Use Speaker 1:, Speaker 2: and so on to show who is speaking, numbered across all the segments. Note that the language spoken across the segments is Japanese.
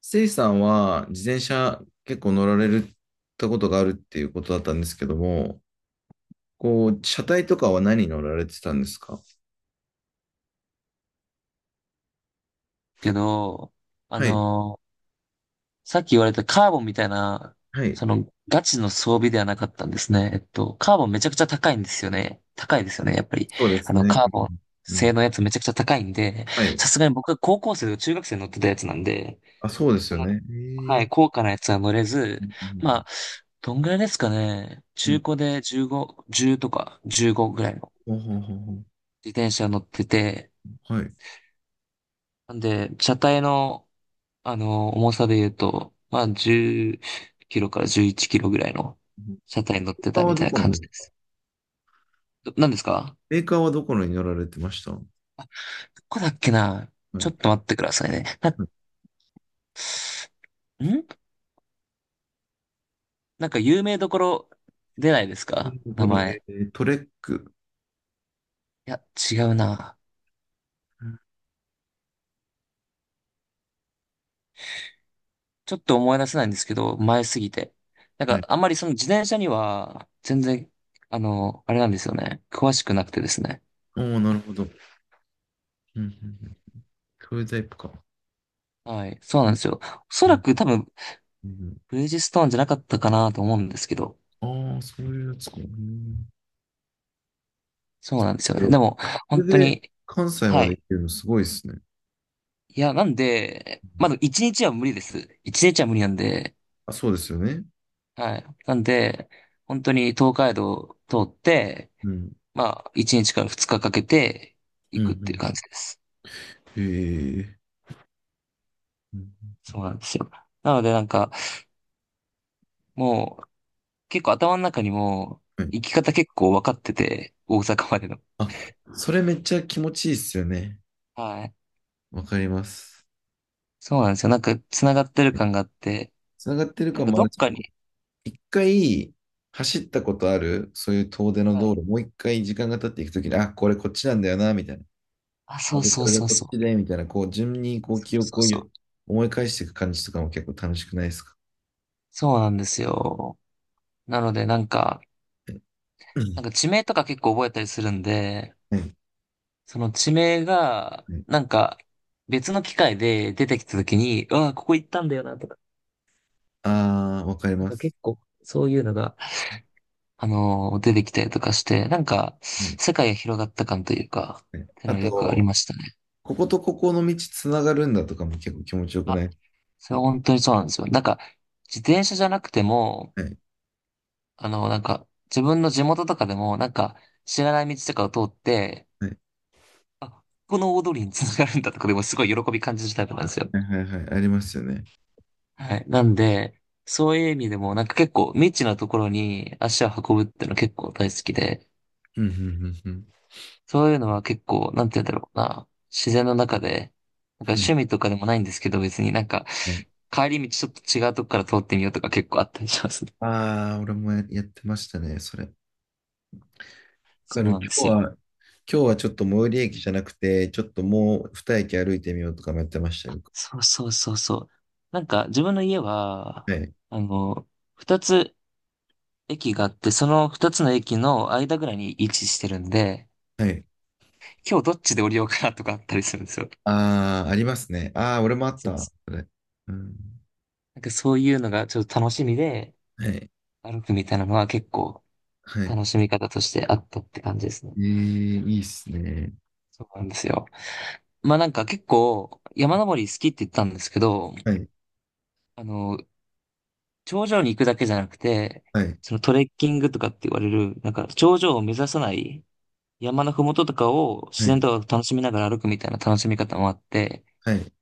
Speaker 1: せいさんは自転車結構乗られるったことがあるっていうことだったんですけども、こう、車体とかは何乗られてたんですか？
Speaker 2: けど、あ
Speaker 1: はい、
Speaker 2: のーさっき言われたカーボンみたいな、
Speaker 1: はい、
Speaker 2: ガチの装備ではなかったんですね。カーボンめちゃくちゃ高いんですよね。高いですよね、やっぱり。
Speaker 1: そうですね。
Speaker 2: カー
Speaker 1: う
Speaker 2: ボン
Speaker 1: ん、う
Speaker 2: 製
Speaker 1: ん。
Speaker 2: のやつめちゃくちゃ高いんで、
Speaker 1: はい。
Speaker 2: さすがに僕が高校生とか中学生に乗ってたやつなんで、
Speaker 1: あ、そうです
Speaker 2: そ
Speaker 1: よ
Speaker 2: の、
Speaker 1: ね。へ
Speaker 2: は
Speaker 1: え。
Speaker 2: い、高価なやつは乗れ
Speaker 1: う
Speaker 2: ず、
Speaker 1: んう
Speaker 2: ま
Speaker 1: ん
Speaker 2: あ、どんぐらいですかね。
Speaker 1: うんう
Speaker 2: 中
Speaker 1: ん、
Speaker 2: 古で15、10とか15ぐらいの
Speaker 1: ほうほうほうほう。
Speaker 2: 自転車乗ってて、
Speaker 1: はい。
Speaker 2: なんで、車体の、重さで言うと、まあ、10キロから11キロぐらいの
Speaker 1: メー
Speaker 2: 車体に乗って
Speaker 1: カー
Speaker 2: たみ
Speaker 1: はど
Speaker 2: たいな
Speaker 1: こ
Speaker 2: 感
Speaker 1: の
Speaker 2: じ
Speaker 1: です
Speaker 2: で
Speaker 1: か？
Speaker 2: す。ど何ですか？
Speaker 1: メーカーはどこのに乗られてましたは？
Speaker 2: どこだっけな。
Speaker 1: い。は
Speaker 2: ちょっと待ってくださいね。なんなんか有名どころ出ないですか
Speaker 1: い。とこ
Speaker 2: 名
Speaker 1: ろ、
Speaker 2: 前。
Speaker 1: トレック。
Speaker 2: いや、違うな。ちょっと思い出せないんですけど、前すぎて。なん
Speaker 1: は
Speaker 2: か、
Speaker 1: い。
Speaker 2: あんまりその自転車には、全然、あれなんですよね。詳しくなくてですね。
Speaker 1: おお、なるほど。うん。うん。うん。そういうタイプか。
Speaker 2: はい。そうな
Speaker 1: う
Speaker 2: ん
Speaker 1: ん。
Speaker 2: ですよ。おそ
Speaker 1: う
Speaker 2: ら
Speaker 1: ん。
Speaker 2: く多分、
Speaker 1: うん。
Speaker 2: ブリヂストーンじゃなかったかなと思うんですけど。
Speaker 1: ああ、そういうやつか。う、
Speaker 2: そう
Speaker 1: け
Speaker 2: なんですよね。
Speaker 1: ど、
Speaker 2: でも、
Speaker 1: それ
Speaker 2: 本当
Speaker 1: で
Speaker 2: に、
Speaker 1: 関西ま
Speaker 2: は
Speaker 1: で行
Speaker 2: い。
Speaker 1: けるのすごいですね。
Speaker 2: いや、なんで、
Speaker 1: う
Speaker 2: ま
Speaker 1: ん。
Speaker 2: だ一日は無理です。一日は無理なんで、
Speaker 1: あ、そうですよね。
Speaker 2: はい。なんで、本当に東海道を通って、
Speaker 1: うん。
Speaker 2: まあ、一日から二日かけて
Speaker 1: う
Speaker 2: 行
Speaker 1: ん。うん。
Speaker 2: くっ
Speaker 1: う
Speaker 2: ていう
Speaker 1: ん。
Speaker 2: 感じです。
Speaker 1: へえ。うん。
Speaker 2: そうなんですよ。なので、なんか、もう、結構頭の中にも、
Speaker 1: はい。
Speaker 2: 行き方結構分かってて、大阪までの。
Speaker 1: あ、それめっちゃ気持ちいいっすよね。
Speaker 2: はい。
Speaker 1: わかります。
Speaker 2: そうなんですよ。なんか、繋がってる感があって、
Speaker 1: つながってる
Speaker 2: なん
Speaker 1: 感
Speaker 2: か
Speaker 1: もあ
Speaker 2: ど
Speaker 1: る
Speaker 2: っ
Speaker 1: し、
Speaker 2: か
Speaker 1: こう、
Speaker 2: に、
Speaker 1: 一回走ったことある、そういう遠出の
Speaker 2: は
Speaker 1: 道
Speaker 2: い。
Speaker 1: 路、もう一回時間が経っていくときに、あ、これこっちなんだよな、みたいな。
Speaker 2: あ、
Speaker 1: あ
Speaker 2: そう
Speaker 1: れ、
Speaker 2: そ
Speaker 1: こ
Speaker 2: う
Speaker 1: れが
Speaker 2: そう
Speaker 1: こっ
Speaker 2: そ
Speaker 1: ち
Speaker 2: う。
Speaker 1: で、みたいな、こう、順にこう
Speaker 2: そう
Speaker 1: 記
Speaker 2: そう
Speaker 1: 憶をよ、
Speaker 2: そう。
Speaker 1: 思い返していく感じとかも結構楽しくないですか？
Speaker 2: そうなんですよ。なので、なんか、
Speaker 1: う
Speaker 2: なん
Speaker 1: ん。
Speaker 2: か地名とか結構覚えたりするんで、
Speaker 1: はい。
Speaker 2: その地名が、
Speaker 1: はい。
Speaker 2: なんか、別の機会で出てきた時に、うわ、ここ行ったんだよな、とか、
Speaker 1: ああ、わかり
Speaker 2: なん
Speaker 1: ま
Speaker 2: か
Speaker 1: す。
Speaker 2: 結構、そういうのが、出てきたりとかして、なんか、
Speaker 1: はい。
Speaker 2: 世界が広がった感というか、っ
Speaker 1: はい。
Speaker 2: ての
Speaker 1: あ
Speaker 2: がよくあり
Speaker 1: と、
Speaker 2: ましたね。
Speaker 1: こことここの道つながるんだとかも結構気持ちよく
Speaker 2: あ、
Speaker 1: ない？
Speaker 2: それは本当にそうなんですよ。なんか、自転車じゃなくても、
Speaker 1: はい。
Speaker 2: なんか、自分の地元とかでも、なんか、知らない道とかを通って、
Speaker 1: はい。
Speaker 2: あ、この大通りにつながるんだとかでもすごい喜び感じるタイプなんですよ。
Speaker 1: はいはいはい。ありますよね。
Speaker 2: はい。なんで、そういう意味でもなんか結構未知なところに足を運ぶっていうの結構大好きで、
Speaker 1: うん、うん、うん、
Speaker 2: そういうのは結構、なんて言うんだろうな、自然の中で、なんか
Speaker 1: うん。
Speaker 2: 趣味とかでもないんですけど別になんか
Speaker 1: うん。
Speaker 2: 帰り道ちょっと違うとこから通ってみようとか結構あったりしますね。
Speaker 1: ああ、俺もやってましたね、それ。わか
Speaker 2: そう
Speaker 1: る。
Speaker 2: なんで
Speaker 1: 今
Speaker 2: す
Speaker 1: 日は、
Speaker 2: よ。
Speaker 1: 今日はちょっと最寄り駅じゃなくて、ちょっともう二駅歩いてみようとかもやってました
Speaker 2: あ、
Speaker 1: よ。
Speaker 2: そうそうそうそう。なんか自分の家は、
Speaker 1: はい。
Speaker 2: あの、二つ駅があって、その二つの駅の間ぐらいに位置してるんで、
Speaker 1: はい。
Speaker 2: 今日どっちで降りようかなとかあったりするんですよ。
Speaker 1: ああ、ありますね。ああ、俺もあっ
Speaker 2: そうで
Speaker 1: た。
Speaker 2: す。
Speaker 1: それ。うん。
Speaker 2: なんかそういうのがちょっと楽しみで
Speaker 1: はい。
Speaker 2: 歩くみたいなのは結構
Speaker 1: はい。
Speaker 2: 楽しみ方としてあったって感じですね。
Speaker 1: ええ、いいっすね。
Speaker 2: そうなんですよ。まあなんか結構山登り好きって言ったんですけど、
Speaker 1: はい。
Speaker 2: あの、頂上に行くだけじゃなくて、
Speaker 1: はい。
Speaker 2: そのトレッキングとかって言われる、なんか頂上を目指さない山のふもととかを自
Speaker 1: は
Speaker 2: 然
Speaker 1: い。
Speaker 2: と楽しみながら歩くみたいな楽しみ方もあって、
Speaker 1: はい。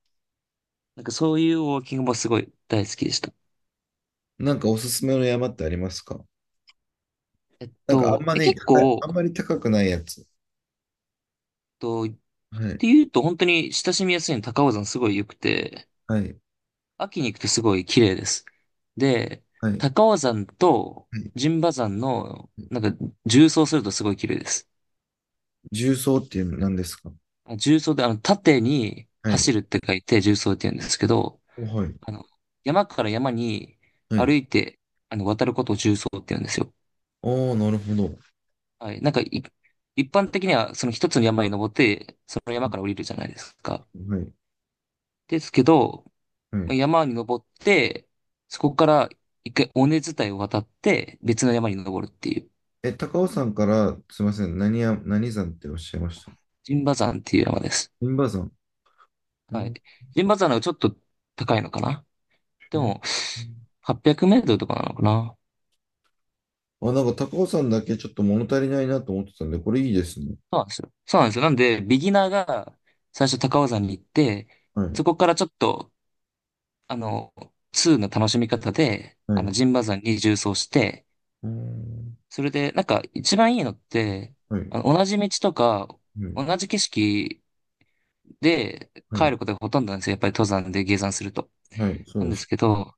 Speaker 2: なんかそういうウォーキングもすごい大好きでした。
Speaker 1: なんかおすすめの山ってありますか？なんかあんまね、
Speaker 2: 結構、
Speaker 1: あんまり高くないやつ。
Speaker 2: と
Speaker 1: はい、
Speaker 2: ていうと、本当に親しみやすいの高尾山すごい良くて、
Speaker 1: はい、
Speaker 2: 秋に行くとすごい綺麗です。で、
Speaker 1: はい、
Speaker 2: 高尾山と
Speaker 1: はい。
Speaker 2: 陣馬山の、なんか、縦走するとすごい綺麗です。
Speaker 1: 重曹っていうの何ですか？
Speaker 2: あ縦走で、縦に
Speaker 1: はい、
Speaker 2: 走るって書いて縦走って言うんですけど、
Speaker 1: おはい、
Speaker 2: あの、山から山に
Speaker 1: は
Speaker 2: 歩
Speaker 1: い。
Speaker 2: いて、渡ることを縦走って言うんですよ。
Speaker 1: おー、なるほど。は
Speaker 2: はい。一般的には、その一つの山に登って、その山から降りるじゃないですか。
Speaker 1: い、
Speaker 2: ですけど、
Speaker 1: は
Speaker 2: まあ
Speaker 1: い。
Speaker 2: 山に登って、そこから一回尾根伝いを渡って、別の山に登るっていう、
Speaker 1: え、高尾山から、すいません、何山っておっしゃいました？
Speaker 2: 陣馬山っていう山です。
Speaker 1: 銀馬山。う
Speaker 2: は
Speaker 1: ん。
Speaker 2: い。陣馬山の方がちょっと高いのかな。
Speaker 1: へ
Speaker 2: で
Speaker 1: ー。
Speaker 2: も、800メートルとかなのかな。
Speaker 1: あ、なんか高尾山だけちょっと物足りないなと思ってたんで、これいいですね。
Speaker 2: そうなんですよ。そうなんですよ。なんで、ビギナーが最初高尾山に行って、
Speaker 1: はい、
Speaker 2: そこからちょっと、あの、2の楽しみ方で、
Speaker 1: はい。
Speaker 2: 陣馬山に縦走して、
Speaker 1: うん。
Speaker 2: それで、なんか一番いいのって、
Speaker 1: はい、
Speaker 2: 同じ道とか、
Speaker 1: はい、
Speaker 2: 同じ景色で、
Speaker 1: は
Speaker 2: 帰
Speaker 1: い、
Speaker 2: ることがほとんどなんですよ。やっぱり登山で下山すると。
Speaker 1: はい、そ
Speaker 2: な
Speaker 1: う
Speaker 2: ん
Speaker 1: で
Speaker 2: です
Speaker 1: す。
Speaker 2: けど、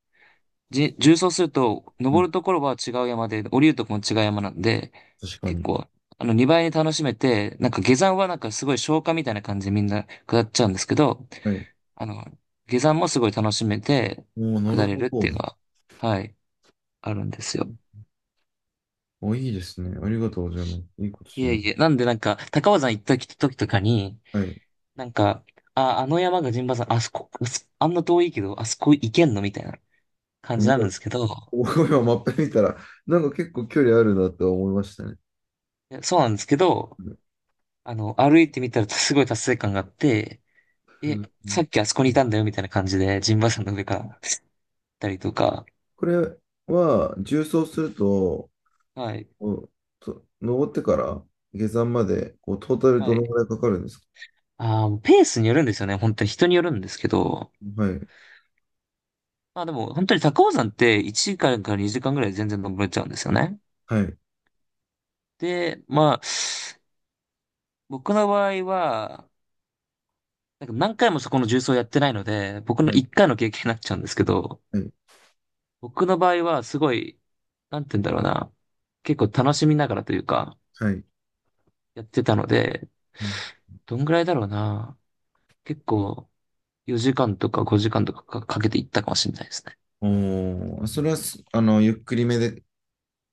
Speaker 2: 縦走すると、
Speaker 1: う
Speaker 2: 登
Speaker 1: ん、
Speaker 2: るところは違う山で、降りるところも違う山なんで、
Speaker 1: 確か
Speaker 2: 結
Speaker 1: に。
Speaker 2: 構、2倍に楽しめて、なんか下山はなんかすごい消化みたいな感じでみんな下っちゃうんですけど、
Speaker 1: はい。
Speaker 2: あの、下山もすごい楽しめて、
Speaker 1: おー、なる
Speaker 2: 下れ
Speaker 1: ほ
Speaker 2: るっていう
Speaker 1: ど。
Speaker 2: のは、はい、あるんですよ。
Speaker 1: お、いいですね。ありがとうございます。いいこと
Speaker 2: い
Speaker 1: し
Speaker 2: え
Speaker 1: ます。
Speaker 2: いえ、なんでなんか、高尾山行った時とかに、
Speaker 1: はい。
Speaker 2: なんか、あ、あの山が陣馬山、あそこ、あんな遠いけど、あそこ行けんのみたいな。感
Speaker 1: な
Speaker 2: じ
Speaker 1: ん
Speaker 2: な
Speaker 1: か、
Speaker 2: んですけど、
Speaker 1: お、今マップ見たら、なんか結構距離あるなとは思いましたね。
Speaker 2: いやそうなんですけど、
Speaker 1: うん。
Speaker 2: 歩いてみたらすごい達成感があって、
Speaker 1: う
Speaker 2: え、
Speaker 1: ん。
Speaker 2: さっきあそこ
Speaker 1: う
Speaker 2: にい
Speaker 1: ん。
Speaker 2: たんだよみたいな感じで、ジンバさんの上から行ったりとか、
Speaker 1: これは、縦走すると、
Speaker 2: はい、
Speaker 1: お、と登ってから下山まで、こう、トータル
Speaker 2: は
Speaker 1: どの
Speaker 2: い。
Speaker 1: ぐらいかかるんですか？
Speaker 2: あーペースによるんですよね。本当に人によるんですけど、
Speaker 1: はい。
Speaker 2: まあでも、本当に高尾山って1時間かんから2時間ぐらいで全然登れちゃうんですよね。
Speaker 1: はい。
Speaker 2: で、まあ、僕の場合は、なんか何回もそこの重曹やってないので、僕の
Speaker 1: はい。
Speaker 2: 1回の経験になっちゃうんですけど、
Speaker 1: はい。
Speaker 2: 僕の場合はすごい、なんて言うんだろうな。結構楽しみながらというか、
Speaker 1: はい。
Speaker 2: やってたので、
Speaker 1: うん。
Speaker 2: どんぐらいだろうな。結構4時間とか5時間とかかかけていったかもしれないですね。
Speaker 1: おー、それはす、ゆっくりめでっ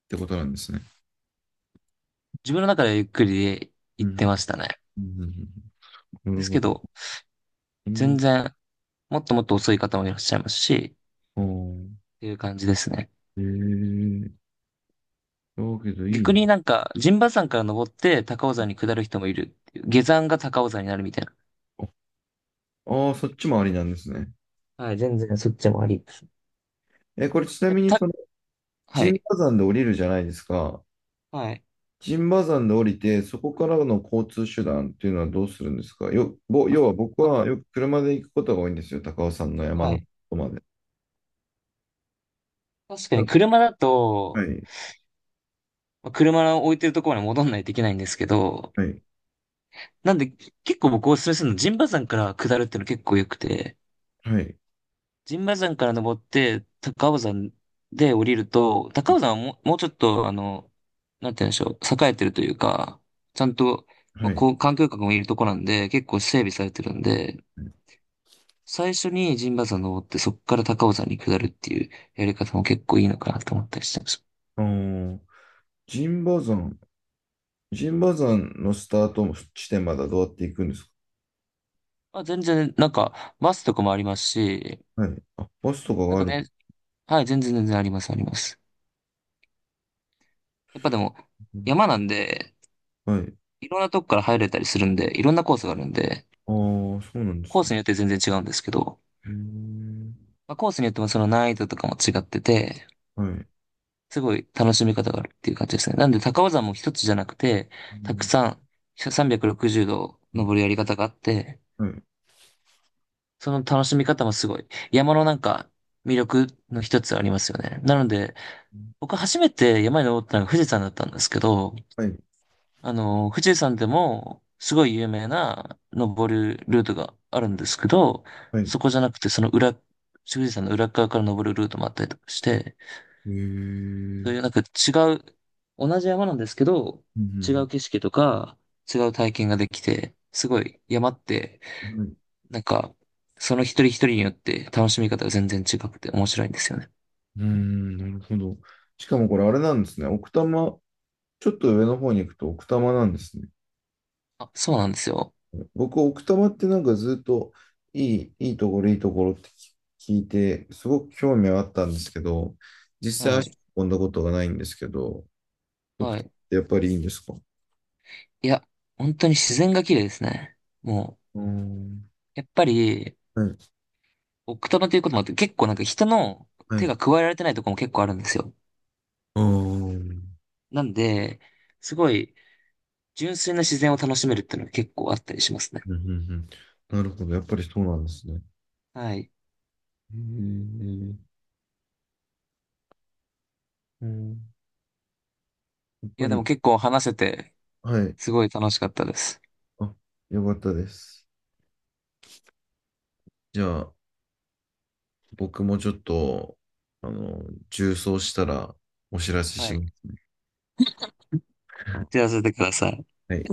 Speaker 1: てことなんですね。
Speaker 2: 自分の中ではゆっくりで
Speaker 1: う
Speaker 2: 行
Speaker 1: ん。
Speaker 2: ってましたね。
Speaker 1: うん。うん。うん。な
Speaker 2: で
Speaker 1: る
Speaker 2: す
Speaker 1: ほ
Speaker 2: け
Speaker 1: ど。
Speaker 2: ど、
Speaker 1: う
Speaker 2: 全
Speaker 1: ん。
Speaker 2: 然もっともっと遅い方もいらっしゃいますし、っ
Speaker 1: おー。
Speaker 2: ていう感じですね。
Speaker 1: えー、だけどいい
Speaker 2: 逆に
Speaker 1: の
Speaker 2: なんか、陣馬山から登って高尾山に下る人もいるっていう。下山が高尾山になるみたいな。
Speaker 1: か。ああ、そっちもありなんですね。
Speaker 2: はい、全然そっちもありです。
Speaker 1: え、これちな
Speaker 2: やっ
Speaker 1: みに
Speaker 2: ぱ
Speaker 1: そ
Speaker 2: た、
Speaker 1: の、
Speaker 2: は
Speaker 1: 陣
Speaker 2: い。
Speaker 1: 馬山で降りるじゃないですか。
Speaker 2: はい。
Speaker 1: 陣馬山で降りて、そこからの交通手段っていうのはどうするんですか？
Speaker 2: あ、
Speaker 1: 要は僕
Speaker 2: ま
Speaker 1: はよく車で行くことが多いんですよ。高尾山の山
Speaker 2: は
Speaker 1: のと
Speaker 2: い。
Speaker 1: こまで。
Speaker 2: 確かに車だ
Speaker 1: は
Speaker 2: と、
Speaker 1: い、
Speaker 2: まあ車を置いてるところまで戻んないといけないんですけど、
Speaker 1: はい、
Speaker 2: なんで結構僕おすすめするの、陣馬山から下るっていうの結構良くて、
Speaker 1: はい、
Speaker 2: 陣馬山から登って高尾山で降りると、高尾山はもう、もうちょっとあの、なんて言うんでしょう、栄えてるというか、ちゃんと、ま
Speaker 1: は
Speaker 2: あ、
Speaker 1: い。
Speaker 2: こう、環境局もいるとこなんで、結構整備されてるんで、最初に陣馬山登ってそこから高尾山に下るっていうやり方も結構いいのかなと思ったりしてます。
Speaker 1: あー、陣馬山、陣馬山のスタート地点まではどうやって行くんですか？
Speaker 2: まあ、全然、なんか、バスとかもありますし、
Speaker 1: はい。あ、バスとか
Speaker 2: な
Speaker 1: が
Speaker 2: ん
Speaker 1: あ
Speaker 2: か
Speaker 1: る。
Speaker 2: ね、はい、全然全然あります、あります。やっぱでも、山なんで、
Speaker 1: はい。
Speaker 2: いろんなとこから入れたりするんで、いろんなコースがあるんで、
Speaker 1: ああ、そうなんで
Speaker 2: コ
Speaker 1: す
Speaker 2: ー
Speaker 1: ね。
Speaker 2: スによって全然違うんですけど、
Speaker 1: うーん。
Speaker 2: まあ、コースによってもその難易度とかも違ってて、
Speaker 1: はい。
Speaker 2: すごい楽しみ方があるっていう感じですね。なんで高尾山も一つじゃなくて、
Speaker 1: う
Speaker 2: たく
Speaker 1: ん。
Speaker 2: さん360度
Speaker 1: は
Speaker 2: 登るやり方があって、
Speaker 1: い。
Speaker 2: その楽しみ方もすごい、山のなんか魅力の一つありますよね。なので、僕初めて山に登ったのが富士山だったんですけど、
Speaker 1: はい。
Speaker 2: 富士山でもすごい有名な登るルートがあるんですけど、
Speaker 1: はい。
Speaker 2: そこじゃなくてその裏、富士山の裏側から登るルートもあったりとかして、
Speaker 1: ええ
Speaker 2: そういう
Speaker 1: ー。
Speaker 2: なんかう、同じ山なんですけど、
Speaker 1: う
Speaker 2: 違
Speaker 1: ん。
Speaker 2: う景色とか違う体験ができて、すごい山って、
Speaker 1: はい。う
Speaker 2: なんか、その一人一人によって楽しみ方が全然違くて面白いんですよね。
Speaker 1: ーん、なるほど。しかもこれあれなんですね。奥多摩、ちょっと上の方に行くと奥多摩なんですね。
Speaker 2: あ、そうなんですよ。
Speaker 1: 僕、奥多摩ってなんかずっといいところ、いいところって聞いて、すごく興味はあったんですけど、実際
Speaker 2: は
Speaker 1: 足
Speaker 2: い。
Speaker 1: を運んだことがないんですけど、
Speaker 2: は
Speaker 1: 奥多摩
Speaker 2: い。
Speaker 1: ってやっぱりいいんですか？う
Speaker 2: いや、本当に自然が綺麗ですね。も
Speaker 1: ーん。
Speaker 2: う、やっぱり、
Speaker 1: はい。
Speaker 2: 奥多摩ということもあって、結構なんか人の
Speaker 1: はい。
Speaker 2: 手
Speaker 1: う
Speaker 2: が加えられてないとこも結構あるんですよ。
Speaker 1: ーん。
Speaker 2: なんで、すごい純粋な自然を楽しめるっていうのが結構あったりしますね。
Speaker 1: うん。うん。うん。なるほど。やっぱりそうなんですね。へ
Speaker 2: はい。
Speaker 1: え。うん。やっ
Speaker 2: い
Speaker 1: ぱ
Speaker 2: や、でも
Speaker 1: り、
Speaker 2: 結構話せて、
Speaker 1: はい。
Speaker 2: すごい楽しかったです。
Speaker 1: あ、よかったです。じゃあ、僕もちょっと、あの、重装したらお知らせ
Speaker 2: は
Speaker 1: しま
Speaker 2: い。
Speaker 1: すね。
Speaker 2: じゃ あ、させてください。
Speaker 1: はい。